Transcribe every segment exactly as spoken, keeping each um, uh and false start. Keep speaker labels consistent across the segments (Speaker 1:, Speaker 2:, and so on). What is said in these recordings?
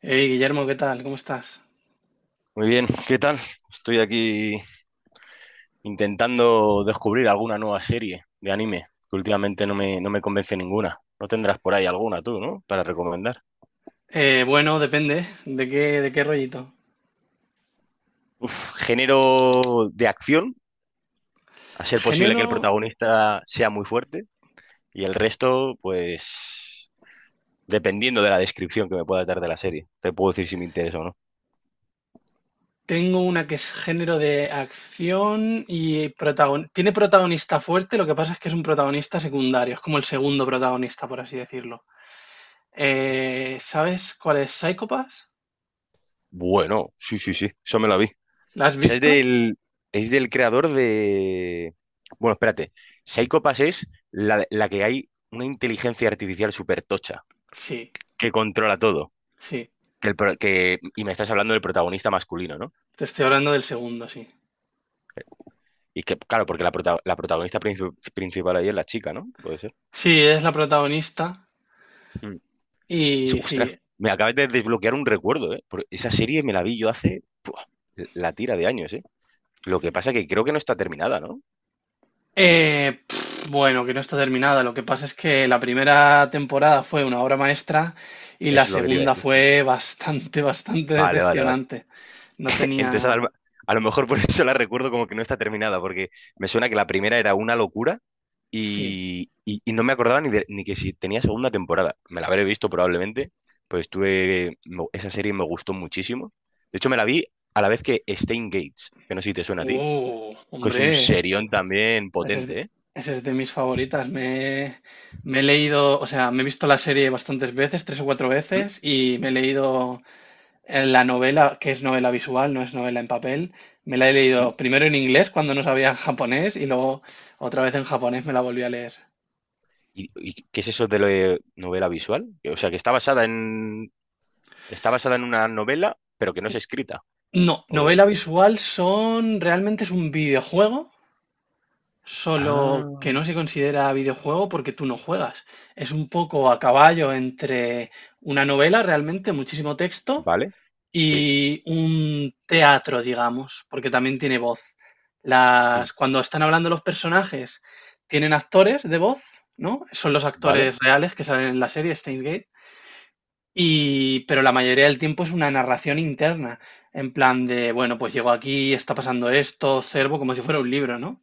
Speaker 1: Hey, Guillermo, ¿qué tal? ¿Cómo estás?
Speaker 2: Muy bien, ¿qué tal? Estoy aquí intentando descubrir alguna nueva serie de anime, que últimamente no me, no me convence ninguna. No tendrás por ahí alguna tú, ¿no? Para recomendar.
Speaker 1: Eh, bueno, depende de qué, de qué rollito.
Speaker 2: Género de acción, a ser posible que el
Speaker 1: Género,
Speaker 2: protagonista sea muy fuerte, y el resto, pues, dependiendo de la descripción que me pueda dar de la serie, te puedo decir si me interesa o no.
Speaker 1: tengo una que es género de acción y protagon- tiene protagonista fuerte, lo que pasa es que es un protagonista secundario, es como el segundo protagonista, por así decirlo. Eh, ¿sabes cuál es Psychopass?
Speaker 2: Bueno, sí, sí, sí, eso me la vi. O
Speaker 1: ¿La has
Speaker 2: sea, es
Speaker 1: visto?
Speaker 2: del, es del creador de... Bueno, espérate. Psycho Pass es la, la que hay una inteligencia artificial súper tocha,
Speaker 1: Sí,
Speaker 2: que controla todo.
Speaker 1: sí.
Speaker 2: Que el pro- que- Y me estás hablando del protagonista masculino, ¿no?
Speaker 1: Te estoy hablando del segundo, sí.
Speaker 2: Y que, claro, porque la, prota- la protagonista princi- principal ahí es la chica, ¿no? Puede ser.
Speaker 1: Sí, es la protagonista
Speaker 2: Mm. Es-
Speaker 1: y
Speaker 2: Ostras,
Speaker 1: sí.
Speaker 2: me acabas de desbloquear un recuerdo, ¿eh? Porque esa serie me la vi yo hace ¡buah! La tira de años, ¿eh? Lo que pasa que creo que no está terminada, ¿no?
Speaker 1: Eh, pf, bueno, que no está terminada. Lo que pasa es que la primera temporada fue una obra maestra y la
Speaker 2: Es lo que te iba a
Speaker 1: segunda
Speaker 2: decir.
Speaker 1: fue bastante, bastante
Speaker 2: Vale, vale, vale.
Speaker 1: decepcionante. No
Speaker 2: Entonces, a
Speaker 1: tenía...
Speaker 2: lo, a lo mejor por eso la recuerdo como que no está terminada, porque me suena que la primera era una locura
Speaker 1: Sí.
Speaker 2: y, y- y no me acordaba ni, de- ni que si tenía segunda temporada. Me la habré visto probablemente, pues tuve, me- esa serie me gustó muchísimo. De hecho, me la vi a la vez que Stain Gates, que no sé si te suena a ti,
Speaker 1: Uh,
Speaker 2: que es un
Speaker 1: hombre,
Speaker 2: serión también
Speaker 1: ese es, de
Speaker 2: potente, ¿eh?
Speaker 1: ese es de mis favoritas. Me, me he leído, o sea, me he visto la serie bastantes veces, tres o cuatro
Speaker 2: ¿Mm?
Speaker 1: veces, y me he leído eh, la novela, que es novela visual, no es novela en papel. Me la he
Speaker 2: ¿Mm?
Speaker 1: leído primero en inglés cuando no sabía japonés y luego otra vez en japonés me la volví a leer.
Speaker 2: ¿Y, y qué es eso de la novela visual? O sea, que está basada en, está basada en una novela, pero que no es escrita.
Speaker 1: No,
Speaker 2: O...
Speaker 1: novela visual son, realmente es un videojuego, solo
Speaker 2: Ah.
Speaker 1: que no se considera videojuego porque tú no juegas. Es un poco a caballo entre una novela, realmente, muchísimo texto,
Speaker 2: ¿Vale? Sí.
Speaker 1: y un teatro, digamos, porque también tiene voz.
Speaker 2: Mm.
Speaker 1: Las, cuando están hablando los personajes, tienen actores de voz, ¿no? Son los
Speaker 2: ¿Vale?
Speaker 1: actores reales que salen en la serie Steins Gate y, pero la mayoría del tiempo es una narración interna, en plan de, bueno, pues llego aquí, está pasando esto, observo como si fuera un libro, ¿no?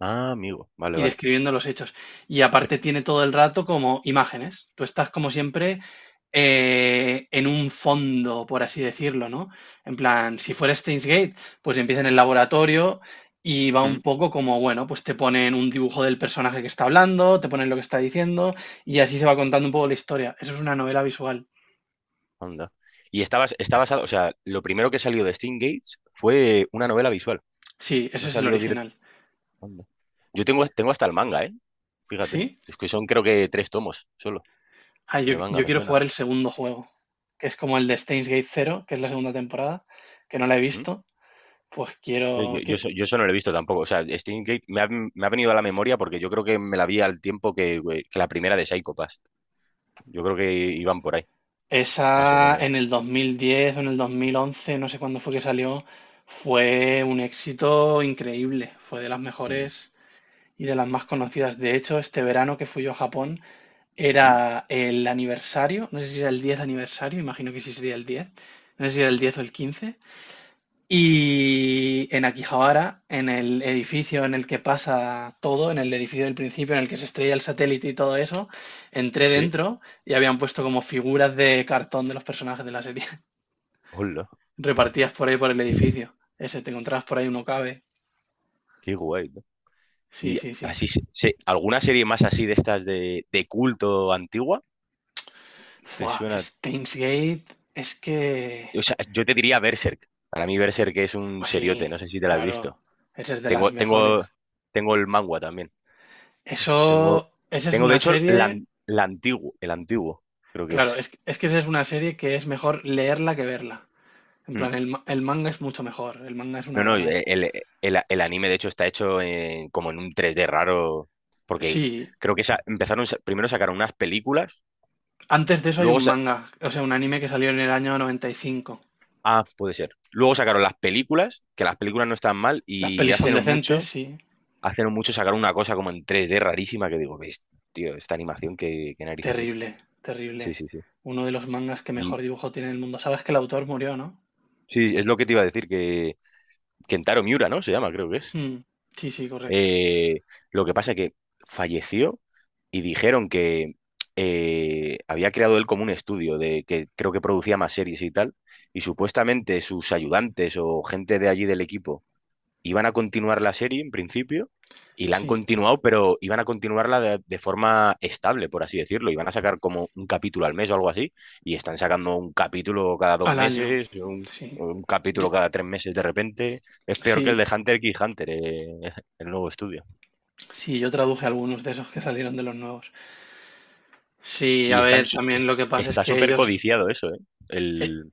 Speaker 2: Ah, amigo. Vale,
Speaker 1: Y
Speaker 2: vale.
Speaker 1: describiendo los hechos. Y aparte tiene todo el rato como imágenes. Tú estás como siempre eh, en un fondo, por así decirlo, ¿no? En plan, si fuera Steins Gate, pues empieza en el laboratorio y va un
Speaker 2: Mm.
Speaker 1: poco como, bueno, pues te ponen un dibujo del personaje que está hablando, te ponen lo que está diciendo y así se va contando un poco la historia. Eso es una novela visual.
Speaker 2: Anda. Y está, bas- está basado, o sea, lo primero que salió de Steam Gates fue una novela visual.
Speaker 1: Sí, ese
Speaker 2: No
Speaker 1: es el
Speaker 2: salió directo.
Speaker 1: original.
Speaker 2: Anda. Yo tengo, tengo hasta el manga, ¿eh? Fíjate.
Speaker 1: ¿Sí?
Speaker 2: Es que son creo que tres tomos solo
Speaker 1: Ah, yo,
Speaker 2: de manga,
Speaker 1: yo
Speaker 2: me
Speaker 1: quiero
Speaker 2: suena.
Speaker 1: jugar el segundo juego, que es como el de Steins Gate cero, que es la segunda temporada, que no la he
Speaker 2: ¿Mm?
Speaker 1: visto. Pues
Speaker 2: Eh, Yo,
Speaker 1: quiero
Speaker 2: yo,
Speaker 1: que
Speaker 2: eso yo eso no lo he visto tampoco. O sea, Steam Gate me ha, me ha venido a la memoria porque yo creo que me la vi al tiempo que, güey, que la primera de Psycho Pass. Yo creo que iban por ahí, más o
Speaker 1: esa en
Speaker 2: menos.
Speaker 1: el dos mil diez o en el dos mil once, no sé cuándo fue que salió, fue un éxito increíble, fue de las
Speaker 2: Mm.
Speaker 1: mejores y de las más conocidas. De hecho, este verano que fui yo a Japón
Speaker 2: ¿Mm?
Speaker 1: era el aniversario, no sé si era el diez aniversario, imagino que sí sería el diez, no sé si era el diez o el quince. Y en Akihabara, en el edificio en el que pasa todo, en el edificio del principio, en el que se estrella el satélite y todo eso, entré
Speaker 2: ¿Sí?
Speaker 1: dentro y habían puesto como figuras de cartón de los personajes de la serie,
Speaker 2: Hola,
Speaker 1: repartidas por ahí por el edificio. Ese, te encontrabas por ahí uno cabe.
Speaker 2: qué guay.
Speaker 1: Sí,
Speaker 2: Y
Speaker 1: sí, sí.
Speaker 2: así, se- se- ¿alguna serie más así de estas de, de culto antigua? ¿Te
Speaker 1: Fua,
Speaker 2: suena?
Speaker 1: Steins Gate, es que...
Speaker 2: O sea, yo te diría Berserk. Para mí Berserk es un
Speaker 1: Pues
Speaker 2: seriote,
Speaker 1: sí,
Speaker 2: no sé si te la has
Speaker 1: claro,
Speaker 2: visto.
Speaker 1: esa es de
Speaker 2: Tengo,
Speaker 1: las mejores.
Speaker 2: tengo, tengo el manga también. Tengo,
Speaker 1: Eso, esa es
Speaker 2: tengo de
Speaker 1: una
Speaker 2: hecho la,
Speaker 1: serie,
Speaker 2: an- la antiguo, el antiguo, creo que
Speaker 1: claro,
Speaker 2: es.
Speaker 1: es, es que esa es una serie que es mejor leerla que verla. En
Speaker 2: Mm.
Speaker 1: plan, el, ma- el manga es mucho mejor, el manga es una
Speaker 2: No, no,
Speaker 1: obra
Speaker 2: el,
Speaker 1: maestra.
Speaker 2: el- el- el anime de hecho está hecho en- como en un tres D raro, porque
Speaker 1: Sí,
Speaker 2: creo que esa- empezaron, sa- primero sacaron unas películas,
Speaker 1: antes de eso hay
Speaker 2: luego.
Speaker 1: un manga, o sea, un anime que salió en el año noventa y cinco.
Speaker 2: Ah, puede ser. Luego sacaron las películas, que las películas no están mal,
Speaker 1: Las
Speaker 2: y
Speaker 1: pelis
Speaker 2: hace
Speaker 1: son
Speaker 2: no
Speaker 1: decentes,
Speaker 2: mucho,
Speaker 1: sí.
Speaker 2: hace no mucho sacaron una cosa como en tres D rarísima que digo, "Ves, tío, esta animación, ¿qué, qué narices es?"
Speaker 1: Terrible,
Speaker 2: Sí,
Speaker 1: terrible.
Speaker 2: sí, sí.
Speaker 1: Uno de los mangas que
Speaker 2: Y
Speaker 1: mejor dibujo tiene en el mundo. Sabes que el autor murió, ¿no?
Speaker 2: sí, es lo que te iba a decir, que Kentaro Miura, ¿no? Se llama, creo que es.
Speaker 1: Hmm, Sí, sí, correcto.
Speaker 2: Eh, lo que pasa que falleció y dijeron que eh, había creado él como un estudio de que creo que producía más series y tal, y supuestamente sus ayudantes o gente de allí del equipo iban a continuar la serie en principio y la han
Speaker 1: Sí,
Speaker 2: continuado, pero iban a continuarla de, de forma estable, por así decirlo. Iban a sacar como un capítulo al mes o algo así y están sacando un capítulo cada dos
Speaker 1: al año.
Speaker 2: meses, un,
Speaker 1: Sí.
Speaker 2: un
Speaker 1: Yo-
Speaker 2: capítulo cada tres meses de repente. Es peor que el
Speaker 1: sí,
Speaker 2: de Hunter x Hunter, eh, el nuevo estudio.
Speaker 1: sí, yo traduje algunos de esos que salieron de los nuevos. Sí,
Speaker 2: Y
Speaker 1: a
Speaker 2: están,
Speaker 1: ver,
Speaker 2: su-
Speaker 1: también lo que pasa es
Speaker 2: está
Speaker 1: que
Speaker 2: súper
Speaker 1: ellos...
Speaker 2: codiciado eso, ¿eh?
Speaker 1: eh,
Speaker 2: El,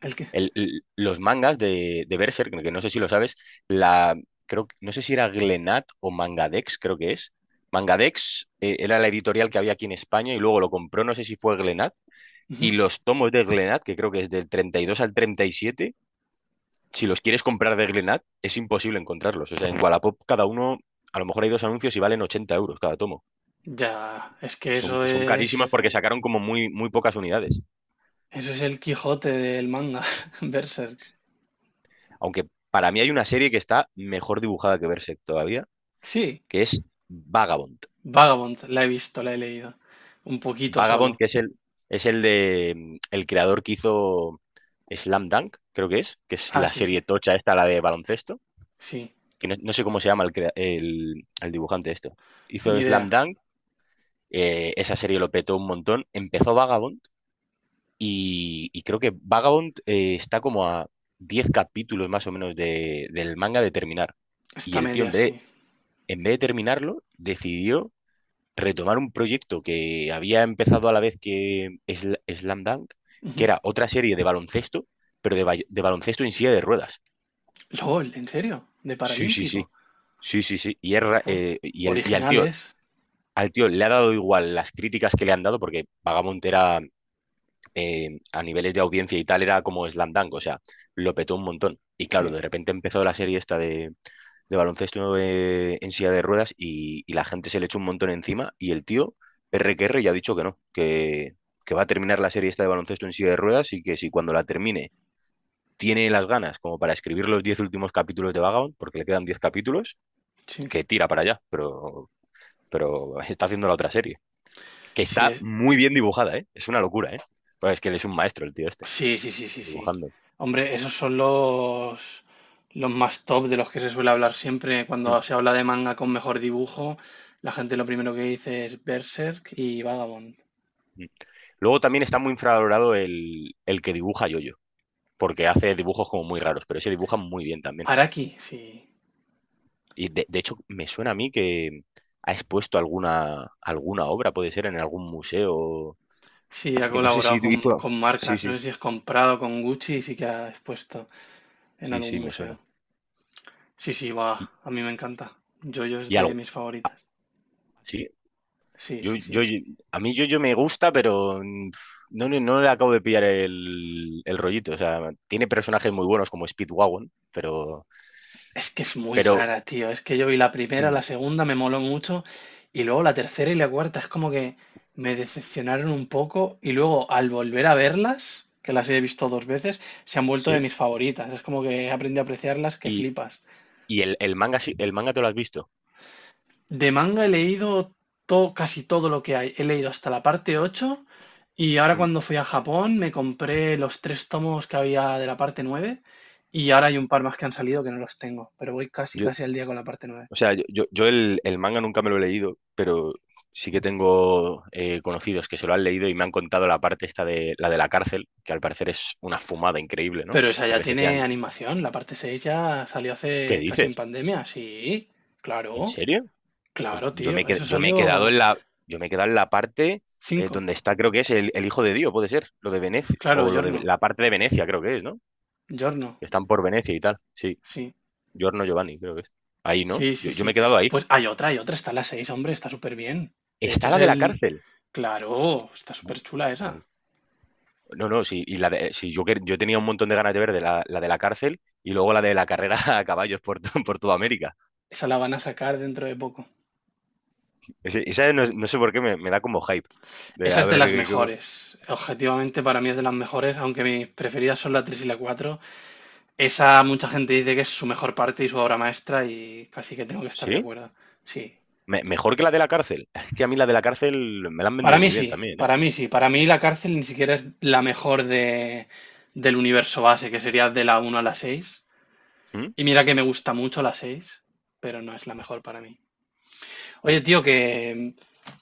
Speaker 1: ¿El qué?
Speaker 2: el- l- los mangas de, de Berserk, que no sé si lo sabes, la, creo, que- no sé si era Glenat o Mangadex, creo que es. Mangadex eh, era la editorial que había aquí en España y luego lo compró, no sé si fue Glenat.
Speaker 1: Ujú.
Speaker 2: Y los tomos de Glenat, que creo que es del treinta y dos al treinta y siete, si los quieres comprar de Glenat, es imposible encontrarlos. O sea, en Wallapop cada uno, a lo mejor hay dos anuncios y valen ochenta euros cada tomo.
Speaker 1: Ya, es que
Speaker 2: Son,
Speaker 1: eso
Speaker 2: son carísimas
Speaker 1: es...
Speaker 2: porque sacaron como muy, muy pocas unidades.
Speaker 1: Eso es el Quijote del manga, Berserk.
Speaker 2: Aunque para mí hay una serie que está mejor dibujada que Berserk todavía,
Speaker 1: Sí,
Speaker 2: que es Vagabond.
Speaker 1: Vagabond, la he visto, la he leído. Un poquito
Speaker 2: Vagabond,
Speaker 1: solo.
Speaker 2: que es el, es el de mm, el creador que hizo Slam Dunk, creo que es, que es
Speaker 1: Ah,
Speaker 2: la
Speaker 1: sí, sí,
Speaker 2: serie tocha esta, la de baloncesto,
Speaker 1: sí,
Speaker 2: que no, no sé cómo se llama el, crea- el, el dibujante esto. Hizo
Speaker 1: ni idea.
Speaker 2: Slam Dunk, eh, esa serie lo petó un montón, empezó Vagabond y, y creo que Vagabond eh, está como a diez capítulos más o menos de- del manga de terminar.
Speaker 1: Está
Speaker 2: Y el tío,
Speaker 1: media,
Speaker 2: en vez
Speaker 1: sí.
Speaker 2: de, en vez de terminarlo, decidió retomar un proyecto que había empezado a la vez que Sl- Slam Dunk, que
Speaker 1: Ujú.
Speaker 2: era otra serie de baloncesto, pero de, ba- de baloncesto en silla de ruedas.
Speaker 1: LOL, ¿en serio? ¿De
Speaker 2: Sí, sí, sí,
Speaker 1: Paralímpico?
Speaker 2: sí, sí, sí. Y, es ra-
Speaker 1: Buah,
Speaker 2: eh, y, el, y al tío,
Speaker 1: originales,
Speaker 2: al tío le ha dado igual las críticas que le han dado, porque Vagabond era, eh, a niveles de audiencia y tal, era como Slam Dunk, o sea, lo petó un montón. Y claro,
Speaker 1: sí,
Speaker 2: de repente empezó la serie esta de, de baloncesto eh, en silla de ruedas y, y la gente se le echó un montón encima y el tío, R que R, ya ha dicho que no, que, que va a terminar la serie esta de baloncesto en silla de ruedas y que si cuando la termine tiene las ganas como para escribir los diez últimos capítulos de Vagabond, porque le quedan diez capítulos,
Speaker 1: sí.
Speaker 2: que tira para allá, pero, pero está haciendo la otra serie, que
Speaker 1: Sí,
Speaker 2: está
Speaker 1: es...
Speaker 2: muy bien dibujada, ¿eh? Es una locura, ¿eh? Pues es que él es un maestro, el tío este,
Speaker 1: sí, sí, sí, sí, sí.
Speaker 2: dibujando.
Speaker 1: Hombre, esos son los, los más top de los que se suele hablar siempre.
Speaker 2: Mm,
Speaker 1: Cuando se habla de manga con mejor dibujo, la gente lo primero que dice es Berserk y Vagabond.
Speaker 2: mm. Luego también está muy infravalorado el, el que dibuja Yoyo. Porque hace dibujos como muy raros, pero ese dibuja muy bien también.
Speaker 1: Araki, sí.
Speaker 2: Y de, de hecho, me suena a mí que ha expuesto alguna, alguna obra, puede ser en algún museo.
Speaker 1: Sí,
Speaker 2: Es
Speaker 1: ha
Speaker 2: que no- No sé si
Speaker 1: colaborado con,
Speaker 2: hizo...
Speaker 1: con
Speaker 2: Sí,
Speaker 1: marcas, no
Speaker 2: sí.
Speaker 1: sé si has comprado con Gucci y sí que ha expuesto en
Speaker 2: Sí,
Speaker 1: algún
Speaker 2: sí, me suena.
Speaker 1: museo. Sí, sí, va,
Speaker 2: Y,
Speaker 1: a mí me encanta. Jojo es
Speaker 2: y
Speaker 1: de
Speaker 2: algo.
Speaker 1: mis
Speaker 2: ah,
Speaker 1: favoritas.
Speaker 2: Sí,
Speaker 1: Sí,
Speaker 2: yo,
Speaker 1: sí,
Speaker 2: yo,
Speaker 1: sí.
Speaker 2: yo- a mí yo, yo me gusta, pero mm, no, no, no le acabo de pillar el, el rollito. O sea, tiene personajes muy buenos como Speedwagon, pero,
Speaker 1: Es que es muy
Speaker 2: pero
Speaker 1: rara, tío. Es que yo vi la primera,
Speaker 2: mm,
Speaker 1: la segunda me moló mucho y luego la tercera y la cuarta es como que me decepcionaron un poco y luego al volver a verlas, que las he visto dos veces, se han vuelto de
Speaker 2: sí.
Speaker 1: mis favoritas. Es como que aprendí a apreciarlas que
Speaker 2: Y,
Speaker 1: flipas.
Speaker 2: y el, el manga, sí- el manga te lo has visto.
Speaker 1: De manga he leído todo, casi todo lo que hay. He leído hasta la parte ocho y ahora
Speaker 2: Mm.
Speaker 1: cuando fui a Japón me compré los tres tomos que había de la parte nueve y ahora hay un par más que han salido que no los tengo, pero voy casi
Speaker 2: Yo,
Speaker 1: casi al día con la parte nueve.
Speaker 2: O sea, yo, yo, yo el, el manga nunca me lo he leído, pero sí que tengo eh, conocidos que se lo han leído y me han contado la parte esta de la de la cárcel, que al parecer es una fumada increíble, ¿no?
Speaker 1: Pero esa
Speaker 2: Que
Speaker 1: ya tiene
Speaker 2: resetean.
Speaker 1: animación, la parte seis ya salió
Speaker 2: ¿Qué
Speaker 1: hace casi en
Speaker 2: dices?
Speaker 1: pandemia, sí,
Speaker 2: ¿En
Speaker 1: claro,
Speaker 2: serio? Pues
Speaker 1: claro,
Speaker 2: yo me, he
Speaker 1: tío,
Speaker 2: qued-
Speaker 1: eso
Speaker 2: yo me he quedado
Speaker 1: salió
Speaker 2: en la, yo me he quedado en la parte eh,
Speaker 1: cinco,
Speaker 2: donde está, creo que es el, el hijo de Dios, puede ser, lo de Venecia,
Speaker 1: claro,
Speaker 2: o lo de
Speaker 1: Giorno,
Speaker 2: la parte de Venecia, creo que es, ¿no?
Speaker 1: Giorno,
Speaker 2: Que están por Venecia y tal. Sí,
Speaker 1: sí,
Speaker 2: Giorno Giovanni, creo que es. Ahí, ¿no?
Speaker 1: sí,
Speaker 2: Yo,
Speaker 1: sí,
Speaker 2: yo me he
Speaker 1: sí.
Speaker 2: quedado ahí.
Speaker 1: Pues hay otra, hay otra, está la seis, hombre, está súper bien. De hecho,
Speaker 2: Está
Speaker 1: es
Speaker 2: la de la
Speaker 1: el,
Speaker 2: cárcel.
Speaker 1: claro, está súper chula esa.
Speaker 2: No, no, sí, y la de- sí, yo, quer- yo tenía un montón de ganas de ver de la, la de la cárcel y luego la de la carrera a caballos por, to- por toda América.
Speaker 1: Esa la van a sacar dentro de poco.
Speaker 2: Ese- esa no, no sé por qué me, me da como hype. De
Speaker 1: Esa
Speaker 2: a
Speaker 1: es de
Speaker 2: ver,
Speaker 1: las
Speaker 2: eh, cómo-
Speaker 1: mejores. Objetivamente para mí es de las mejores, aunque mis preferidas son la tres y la Cuatro. Esa mucha gente dice que es su mejor parte y su obra maestra y casi que tengo que estar de
Speaker 2: ¿sí?
Speaker 1: acuerdo. Sí.
Speaker 2: Me- mejor que la de la cárcel. Es que a mí la de la cárcel me la han
Speaker 1: Para
Speaker 2: vendido
Speaker 1: mí
Speaker 2: muy bien
Speaker 1: sí,
Speaker 2: también, ¿eh?
Speaker 1: para mí sí. Para mí la cárcel ni siquiera es la mejor de, del universo base, que sería de la uno a la seis.
Speaker 2: ¿Mm?
Speaker 1: Y mira que me gusta mucho la seis, pero no es la mejor para mí. Oye,
Speaker 2: Uy.
Speaker 1: tío, que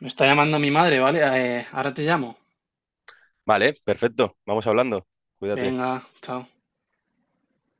Speaker 1: me está llamando mi madre, ¿vale? Eh, ahora te llamo.
Speaker 2: Vale, perfecto. Vamos hablando. Cuídate.
Speaker 1: Venga, chao.